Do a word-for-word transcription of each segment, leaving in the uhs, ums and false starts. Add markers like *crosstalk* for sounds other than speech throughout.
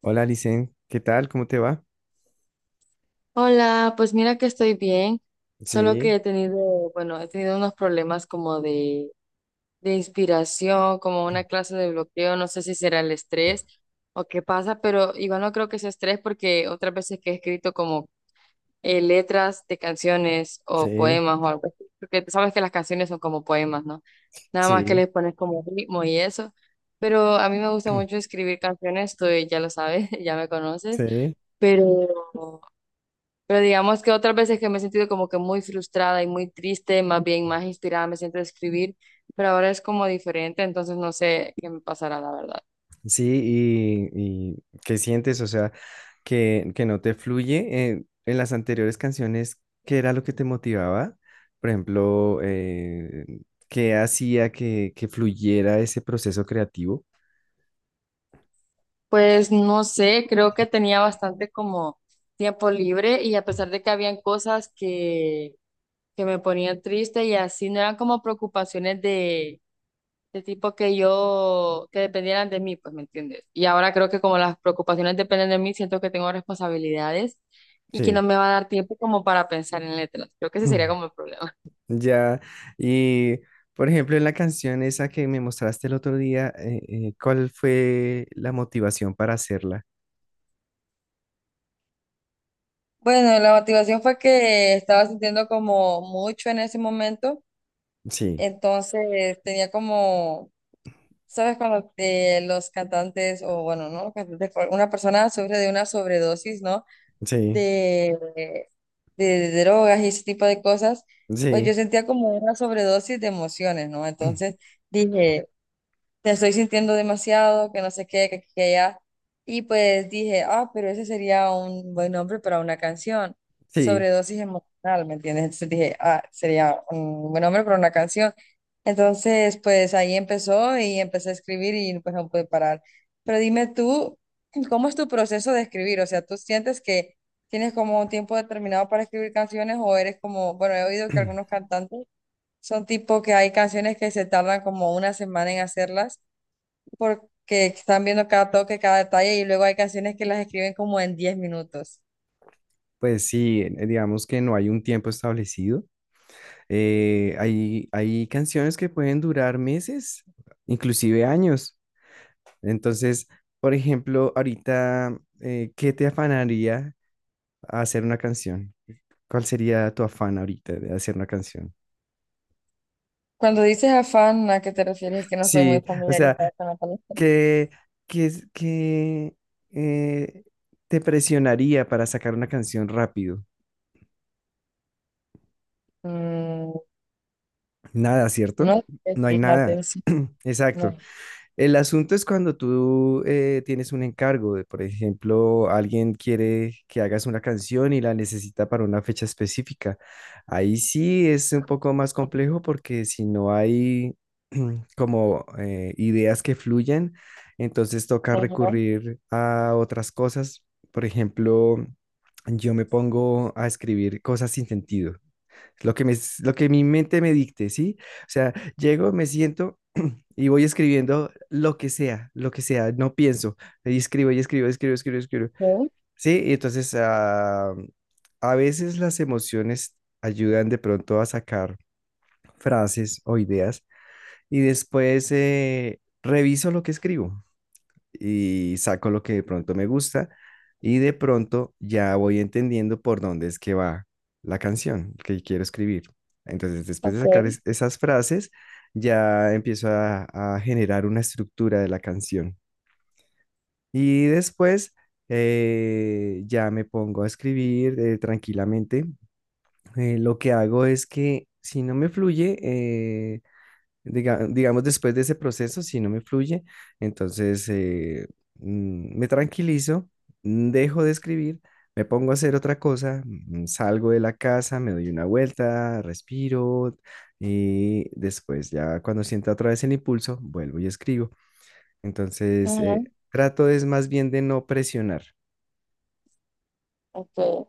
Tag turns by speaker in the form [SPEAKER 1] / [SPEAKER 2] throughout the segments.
[SPEAKER 1] Hola, Licen, ¿qué tal? ¿Cómo te va?
[SPEAKER 2] Hola, pues mira que estoy bien, solo
[SPEAKER 1] Sí,
[SPEAKER 2] que he tenido, bueno, he tenido unos problemas como de, de inspiración, como una clase de bloqueo, no sé si será el estrés o qué pasa, pero igual no creo que sea estrés porque otras veces que he escrito como eh, letras de canciones o
[SPEAKER 1] sí,
[SPEAKER 2] poemas o algo así, porque sabes que las canciones son como poemas, ¿no? Nada más que
[SPEAKER 1] sí,
[SPEAKER 2] les pones como ritmo y eso, pero a mí me gusta mucho
[SPEAKER 1] *clears throat*
[SPEAKER 2] escribir canciones, tú ya lo sabes, *laughs* ya me conoces,
[SPEAKER 1] sí.
[SPEAKER 2] pero... Pero digamos que otras veces que me he sentido como que muy frustrada y muy triste, más bien más inspirada me siento a escribir, pero ahora es como diferente, entonces no sé qué me pasará, la verdad.
[SPEAKER 1] Sí, y, y ¿qué sientes? O sea, que, que no te fluye. Eh, en las anteriores canciones, ¿qué era lo que te motivaba? Por ejemplo, eh, ¿qué hacía que, que fluyera ese proceso creativo?
[SPEAKER 2] Pues no sé, creo que tenía bastante como tiempo libre y a pesar de que habían cosas que, que me ponían triste y así, no eran como preocupaciones de de tipo que yo, que dependieran de mí, pues, ¿me entiendes? Y ahora creo que como las preocupaciones dependen de mí, siento que tengo responsabilidades y que no
[SPEAKER 1] Sí,
[SPEAKER 2] me va a dar tiempo como para pensar en letras. Creo que ese sería
[SPEAKER 1] *clears throat*
[SPEAKER 2] como el problema.
[SPEAKER 1] ya, y por ejemplo, en la canción esa que me mostraste el otro día, eh, eh, ¿cuál fue la motivación para hacerla?
[SPEAKER 2] Bueno, la motivación fue que estaba sintiendo como mucho en ese momento,
[SPEAKER 1] Sí.
[SPEAKER 2] entonces tenía como, ¿sabes? Cuando eh, los cantantes, o bueno, no los cantantes, pero una persona sufre de una sobredosis, ¿no?
[SPEAKER 1] Sí,
[SPEAKER 2] de, de drogas y ese tipo de cosas, pues yo
[SPEAKER 1] sí,
[SPEAKER 2] sentía como una sobredosis de emociones, ¿no? Entonces
[SPEAKER 1] *clears throat*
[SPEAKER 2] dije, te estoy sintiendo demasiado, que no sé qué, que aquí, que allá. Y pues dije, ah, pero ese sería un buen nombre para una canción,
[SPEAKER 1] sí.
[SPEAKER 2] sobredosis emocional, ¿me entiendes? Entonces dije, ah, sería un buen nombre para una canción. Entonces, pues ahí empezó y empecé a escribir y pues no pude parar. Pero dime tú, ¿cómo es tu proceso de escribir? O sea, ¿tú sientes que tienes como un tiempo determinado para escribir canciones o eres como, bueno, he oído que algunos
[SPEAKER 1] *clears throat*
[SPEAKER 2] cantantes son tipo que hay canciones que se tardan como una semana en hacerlas? Porque están viendo cada toque, cada detalle y luego hay canciones que las escriben como en diez minutos.
[SPEAKER 1] Pues sí, eh, digamos que no hay un tiempo establecido. Eh, hay, hay canciones que pueden durar meses, inclusive años. Entonces, por ejemplo, ahorita, eh, ¿qué te afanaría a hacer una canción? ¿Cuál sería tu afán ahorita de hacer una canción?
[SPEAKER 2] Cuando dices afán, ¿a qué te refieres? Es que no soy
[SPEAKER 1] Sí,
[SPEAKER 2] muy
[SPEAKER 1] o sea,
[SPEAKER 2] familiarizada con la palabra.
[SPEAKER 1] ¿qué, qué, es- qué, eh, te presionaría para sacar una canción rápido?
[SPEAKER 2] Mm,
[SPEAKER 1] Nada, ¿cierto?
[SPEAKER 2] no sé,
[SPEAKER 1] No hay nada.
[SPEAKER 2] fíjate, sí. No.
[SPEAKER 1] Exacto. El asunto es cuando tú eh, tienes un encargo, de, por ejemplo, alguien quiere que hagas una canción y la necesita para una fecha específica. Ahí sí es un poco más complejo porque si no hay *clears throat* como eh, ideas que fluyan, entonces toca
[SPEAKER 2] Ajá,
[SPEAKER 1] recurrir a otras cosas. Por ejemplo, yo me pongo a escribir cosas sin sentido. Lo que me, lo que mi mente me dicte, ¿sí? O sea, llego, me siento y voy escribiendo lo que sea, lo que sea, no pienso. Y escribo y escribo, escribo, escribo, escribo.
[SPEAKER 2] sí,
[SPEAKER 1] Sí, y entonces ah, a veces las emociones ayudan de pronto a sacar frases o ideas y después eh, reviso lo que escribo y saco lo que de pronto me gusta y de pronto ya voy entendiendo por dónde es que va la canción que quiero escribir. Entonces, después de
[SPEAKER 2] ok,
[SPEAKER 1] sacar es- esas frases, ya empiezo a, a generar una estructura de la canción. Y después eh, ya me pongo a escribir eh, tranquilamente. Eh, lo que hago es que si no me fluye, eh, diga- digamos, después de ese proceso, si no me fluye, entonces eh, mm, me tranquilizo, mm, dejo de escribir, me pongo a hacer otra cosa, mm, salgo de la casa, me doy una vuelta, respiro y después ya cuando sienta otra vez el impulso, vuelvo y escribo. Entonces,
[SPEAKER 2] ajá,
[SPEAKER 1] eh, trato es más bien de no presionar.
[SPEAKER 2] ok.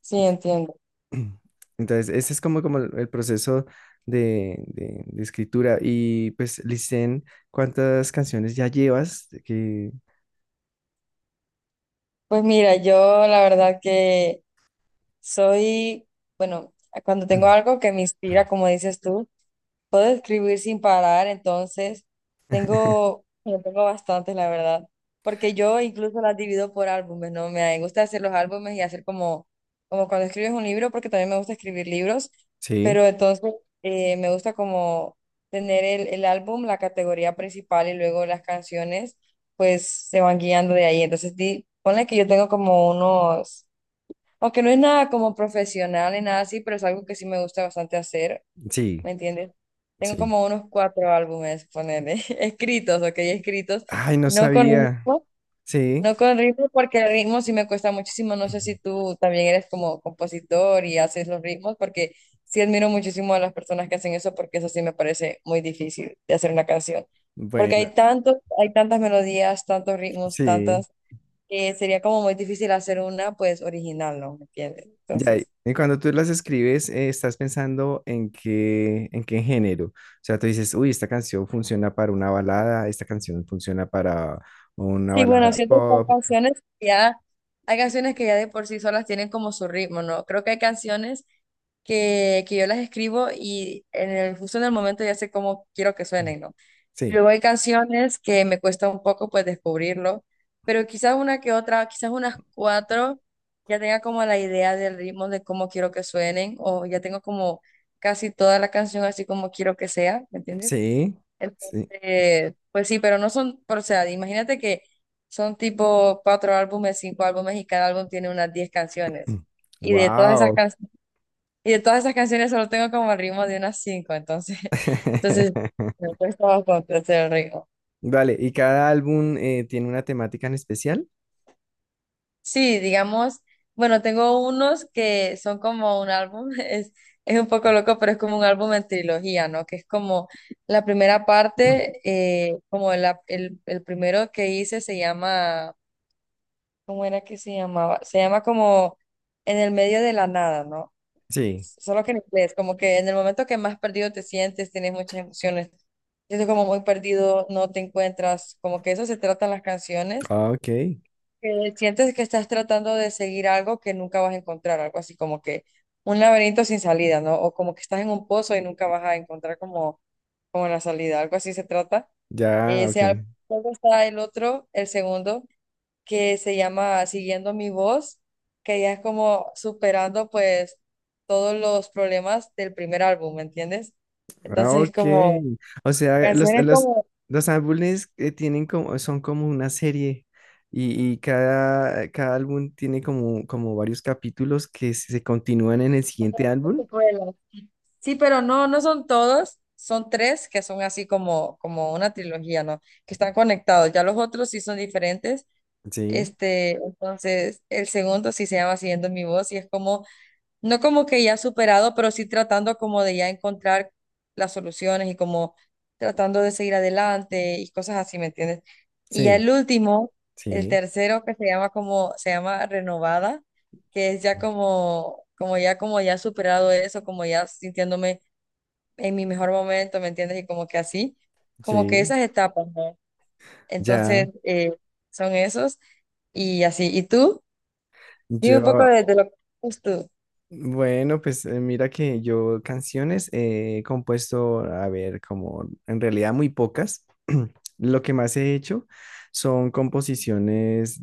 [SPEAKER 2] Sí, entiendo.
[SPEAKER 1] *clears throat* Entonces, ese es como, como el el proceso de, de- de escritura. Y pues, Licen, ¿cuántas canciones ya llevas?
[SPEAKER 2] Pues mira, yo la verdad que soy, bueno, cuando tengo algo que me inspira, como dices tú, puedo escribir sin parar, entonces tengo, yo tengo bastantes, la verdad, porque yo incluso las divido por álbumes, ¿no? Me gusta hacer los álbumes y hacer como, como cuando escribes un libro, porque también me gusta escribir libros,
[SPEAKER 1] Sí,
[SPEAKER 2] pero entonces eh, me gusta como tener el, el álbum, la categoría principal y luego las canciones, pues se van guiando de ahí. Entonces, di, ponle que yo tengo como unos, aunque no es nada como profesional ni nada así, pero es algo que sí me gusta bastante hacer,
[SPEAKER 1] sí,
[SPEAKER 2] ¿me entiendes? Tengo
[SPEAKER 1] sí.
[SPEAKER 2] como unos cuatro álbumes, ponerle, *laughs* escritos, ok, escritos,
[SPEAKER 1] Ay, no
[SPEAKER 2] no con
[SPEAKER 1] sabía.
[SPEAKER 2] ritmo,
[SPEAKER 1] Sí.
[SPEAKER 2] no con ritmo porque el ritmo sí me cuesta muchísimo, no sé si tú también eres como compositor y haces los ritmos, porque sí admiro muchísimo a las personas que hacen eso, porque eso sí me parece muy difícil de hacer una canción, porque
[SPEAKER 1] Bueno,
[SPEAKER 2] hay tantos, hay tantas melodías, tantos ritmos,
[SPEAKER 1] sí.
[SPEAKER 2] tantas, que sería como muy difícil hacer una, pues, original, ¿no? ¿Me entiendes?
[SPEAKER 1] Ya,
[SPEAKER 2] Entonces...
[SPEAKER 1] y cuando tú las escribes, eh, estás pensando en qué, en qué género. O sea, tú dices, uy, esta canción funciona para una balada, esta canción funciona para una
[SPEAKER 2] Sí, bueno,
[SPEAKER 1] balada
[SPEAKER 2] siento que hay
[SPEAKER 1] pop.
[SPEAKER 2] canciones que ya, hay canciones que ya de por sí solas tienen como su ritmo, ¿no? Creo que hay canciones que, que yo las escribo y en el, justo en el momento ya sé cómo quiero que suenen, ¿no?
[SPEAKER 1] Sí,
[SPEAKER 2] Luego hay canciones que me cuesta un poco pues descubrirlo, pero quizás una que otra, quizás unas cuatro, ya tenga como la idea del ritmo de cómo quiero que suenen o ya tengo como casi toda la canción así como quiero que sea, ¿me entiendes?
[SPEAKER 1] sí, sí.
[SPEAKER 2] Entonces, pues sí, pero no son, pero, o sea, imagínate que son tipo cuatro álbumes, cinco álbumes y cada álbum tiene unas diez canciones. Y de todas esas
[SPEAKER 1] Wow.
[SPEAKER 2] can- y de todas esas canciones solo tengo como el ritmo de unas cinco, entonces, *laughs* entonces
[SPEAKER 1] *laughs*
[SPEAKER 2] me cuesta bastante hacer el ritmo.
[SPEAKER 1] Vale, ¿y cada álbum eh, tiene una temática en especial?
[SPEAKER 2] Sí, digamos, bueno, tengo unos que son como un álbum, *laughs* es, es un poco loco, pero es como un álbum en trilogía, ¿no? Que es como la primera parte, eh, como la- el, el primero que hice se llama ¿Cómo era que se llamaba? Se llama como en el medio de la nada, ¿no?
[SPEAKER 1] Sí.
[SPEAKER 2] Solo que en inglés, como que en el momento que más perdido te sientes, tienes muchas emociones, sientes como muy perdido, no te encuentras, como que eso se tratan las canciones,
[SPEAKER 1] Ah, ok,
[SPEAKER 2] que sientes que estás tratando de seguir algo que nunca vas a encontrar, algo así como que un laberinto sin salida, ¿no? O como que estás en un pozo y nunca vas a encontrar como, como la salida, algo así se trata.
[SPEAKER 1] ya, ok.
[SPEAKER 2] Ese álbum, luego está el otro, el segundo, que se llama Siguiendo mi voz, que ya es como superando pues todos los problemas del primer álbum, ¿me entiendes?
[SPEAKER 1] Ah,
[SPEAKER 2] Entonces es
[SPEAKER 1] ok.
[SPEAKER 2] como
[SPEAKER 1] O sea, los,
[SPEAKER 2] canciones
[SPEAKER 1] los,
[SPEAKER 2] como...
[SPEAKER 1] los álbumes eh, tienen como, son como una serie y, y cada, cada álbum tiene como, como varios capítulos que se continúan en el siguiente
[SPEAKER 2] Como
[SPEAKER 1] álbum.
[SPEAKER 2] secuelas. Sí, pero no, no son todos, son tres que son así como, como una trilogía, ¿no? Que están conectados, ya los otros sí son diferentes.
[SPEAKER 1] Sí,
[SPEAKER 2] Este, entonces, el segundo sí se llama Siguiendo mi voz y es como no como que ya superado, pero sí tratando como de ya encontrar las soluciones y como tratando de seguir adelante y cosas así, ¿me entiendes? Y ya
[SPEAKER 1] sí,
[SPEAKER 2] el último, el
[SPEAKER 1] sí,
[SPEAKER 2] tercero que se llama como, se llama renovada, que es ya como, como ya como ya superado eso, como ya sintiéndome en mi mejor momento, ¿me entiendes? Y como que así, como que
[SPEAKER 1] sí,
[SPEAKER 2] esas etapas, ¿no?
[SPEAKER 1] ya.
[SPEAKER 2] Entonces, eh, son esos y así. ¿Y tú? Dime un poco
[SPEAKER 1] Yo,
[SPEAKER 2] de, de lo que haces tú.
[SPEAKER 1] bueno, pues eh, mira que yo canciones eh, he compuesto, a ver, como en realidad muy pocas. *clears throat* Lo que más he hecho son composiciones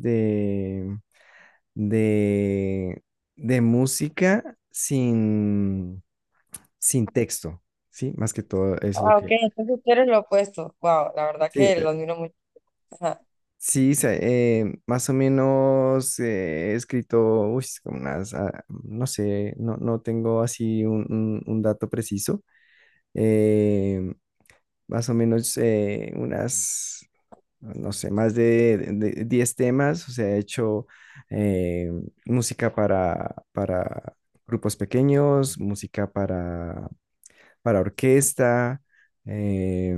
[SPEAKER 1] de, de música sin, sin texto, ¿sí? Más que todo es lo
[SPEAKER 2] Ah, ok,
[SPEAKER 1] que...
[SPEAKER 2] entonces tú eres lo opuesto. Wow, la verdad
[SPEAKER 1] Sí,
[SPEAKER 2] que
[SPEAKER 1] eh,
[SPEAKER 2] lo admiro mucho. Ajá.
[SPEAKER 1] sí, se- eh, más o menos eh, he escrito, uy, es como unas, ah, no sé, no, no tengo así un, un- un dato preciso, eh, más o menos eh, unas, no sé, más de, de- de diez temas, o sea, he hecho eh, música para, para grupos pequeños, música para para orquesta. eh,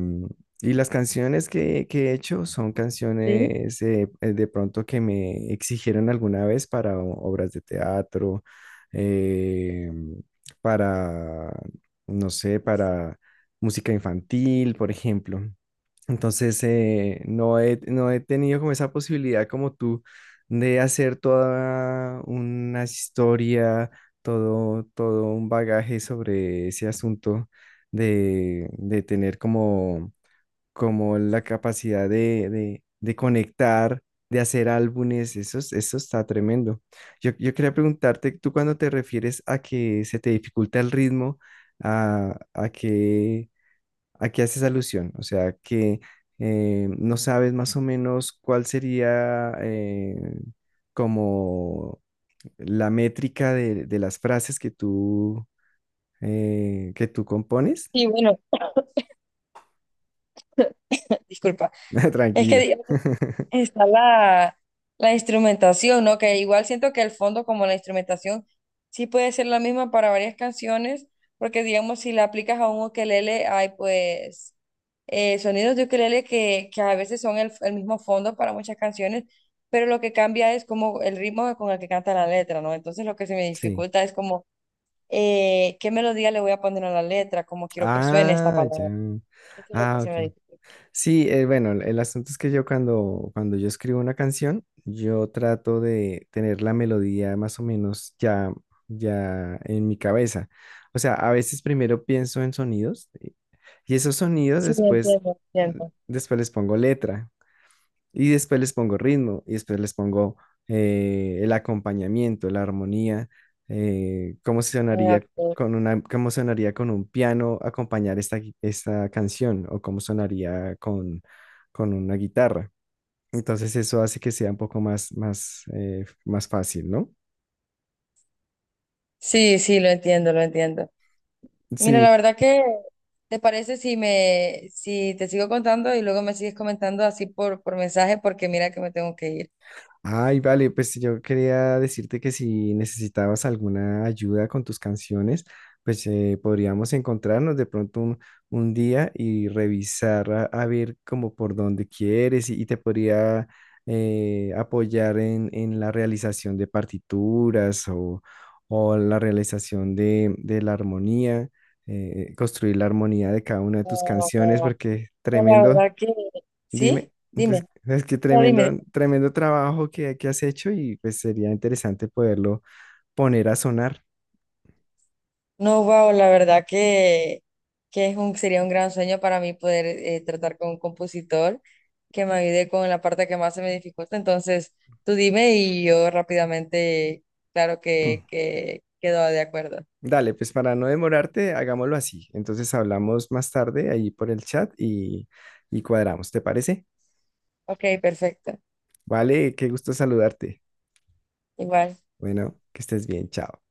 [SPEAKER 1] y las canciones que, que he hecho son
[SPEAKER 2] Sí.
[SPEAKER 1] canciones eh, eh, de pronto que me exigieron alguna vez para o- obras de teatro, eh, para, no sé, para música infantil, por ejemplo. Entonces, eh, no he, no he tenido como esa posibilidad como tú de hacer toda una historia, todo, todo un bagaje sobre ese asunto, de, de tener como, como la capacidad de, de, de conectar, de hacer álbumes. Eso, es- eso está tremendo. Yo, yo quería preguntarte, tú cuando te refieres a que se te dificulta el ritmo, a, a qué ¿a qué haces alusión? O sea, que eh, no sabes más o menos cuál sería eh, como la métrica de, de las frases que tú, eh, que tú compones.
[SPEAKER 2] Y bueno, disculpa.
[SPEAKER 1] *laughs*
[SPEAKER 2] Es que
[SPEAKER 1] Tranquila.
[SPEAKER 2] digamos,
[SPEAKER 1] *laughs*
[SPEAKER 2] está la, la instrumentación, ¿no? Que igual siento que el fondo, como la instrumentación, sí puede ser la misma para varias canciones, porque digamos, si la aplicas a un ukelele, hay pues eh, sonidos de ukelele que, que a veces son el, el mismo fondo para muchas canciones, pero lo que cambia es como el ritmo con el que canta la letra, ¿no? Entonces lo que se me
[SPEAKER 1] Sí.
[SPEAKER 2] dificulta es como eh, qué melodía le voy a poner a la letra, cómo quiero que suene esta
[SPEAKER 1] Ah, ya.
[SPEAKER 2] palabra. Eso es lo que
[SPEAKER 1] Ah,
[SPEAKER 2] se
[SPEAKER 1] ok.
[SPEAKER 2] me dice.
[SPEAKER 1] Sí, eh, bueno, el, el asunto es que yo cuando, cuando yo escribo una canción, yo trato de tener la melodía más o menos ya, ya en mi cabeza. O sea, a veces primero pienso en sonidos y esos sonidos
[SPEAKER 2] Sí, lo
[SPEAKER 1] después,
[SPEAKER 2] entiendo, lo
[SPEAKER 1] eh,
[SPEAKER 2] entiendo.
[SPEAKER 1] después les pongo letra. Y después les pongo ritmo, y después les pongo eh, el acompañamiento, la armonía, eh, cómo
[SPEAKER 2] Ah,
[SPEAKER 1] sonaría
[SPEAKER 2] ok.
[SPEAKER 1] con una, cómo sonaría con un piano acompañar esta, gui- esta canción, o cómo sonaría con, con una guitarra. Entonces eso hace que sea un poco más, más, eh, más fácil, ¿no?
[SPEAKER 2] Sí, sí, lo entiendo, lo entiendo. Mira, la
[SPEAKER 1] Sí,
[SPEAKER 2] verdad que, ¿te parece si me, si te sigo contando y luego me sigues comentando así por, por mensaje? Porque mira que me tengo que ir.
[SPEAKER 1] ay, vale, pues yo quería decirte que si necesitabas alguna ayuda con tus canciones, pues eh, podríamos encontrarnos de pronto un, un día y revisar a, a ver como por dónde quieres y, y te podría eh, apoyar en, en la realización de partituras o, o la realización de, de la armonía, eh, construir la armonía de cada una de tus
[SPEAKER 2] Ah,
[SPEAKER 1] canciones,
[SPEAKER 2] ah, ah.
[SPEAKER 1] porque
[SPEAKER 2] La
[SPEAKER 1] tremendo.
[SPEAKER 2] verdad que,
[SPEAKER 1] Dime,
[SPEAKER 2] ¿sí?
[SPEAKER 1] pues,
[SPEAKER 2] Dime,
[SPEAKER 1] es que
[SPEAKER 2] no,
[SPEAKER 1] tremendo,
[SPEAKER 2] dime.
[SPEAKER 1] tremendo trabajo que, que has hecho y pues sería interesante poderlo poner a sonar.
[SPEAKER 2] No, wow, la verdad que, que es un, sería un gran sueño para mí poder eh, tratar con un compositor que me ayude con la parte que más se me dificulta. Entonces, tú dime y yo rápidamente, claro que,
[SPEAKER 1] *clears throat*
[SPEAKER 2] que quedo de acuerdo.
[SPEAKER 1] Dale, pues para no demorarte, hagámoslo así. Entonces hablamos más tarde ahí por el chat y, y cuadramos, ¿te parece?
[SPEAKER 2] Ok, perfecto.
[SPEAKER 1] Vale, qué gusto saludarte.
[SPEAKER 2] Igual.
[SPEAKER 1] Bueno, que estés bien, chao.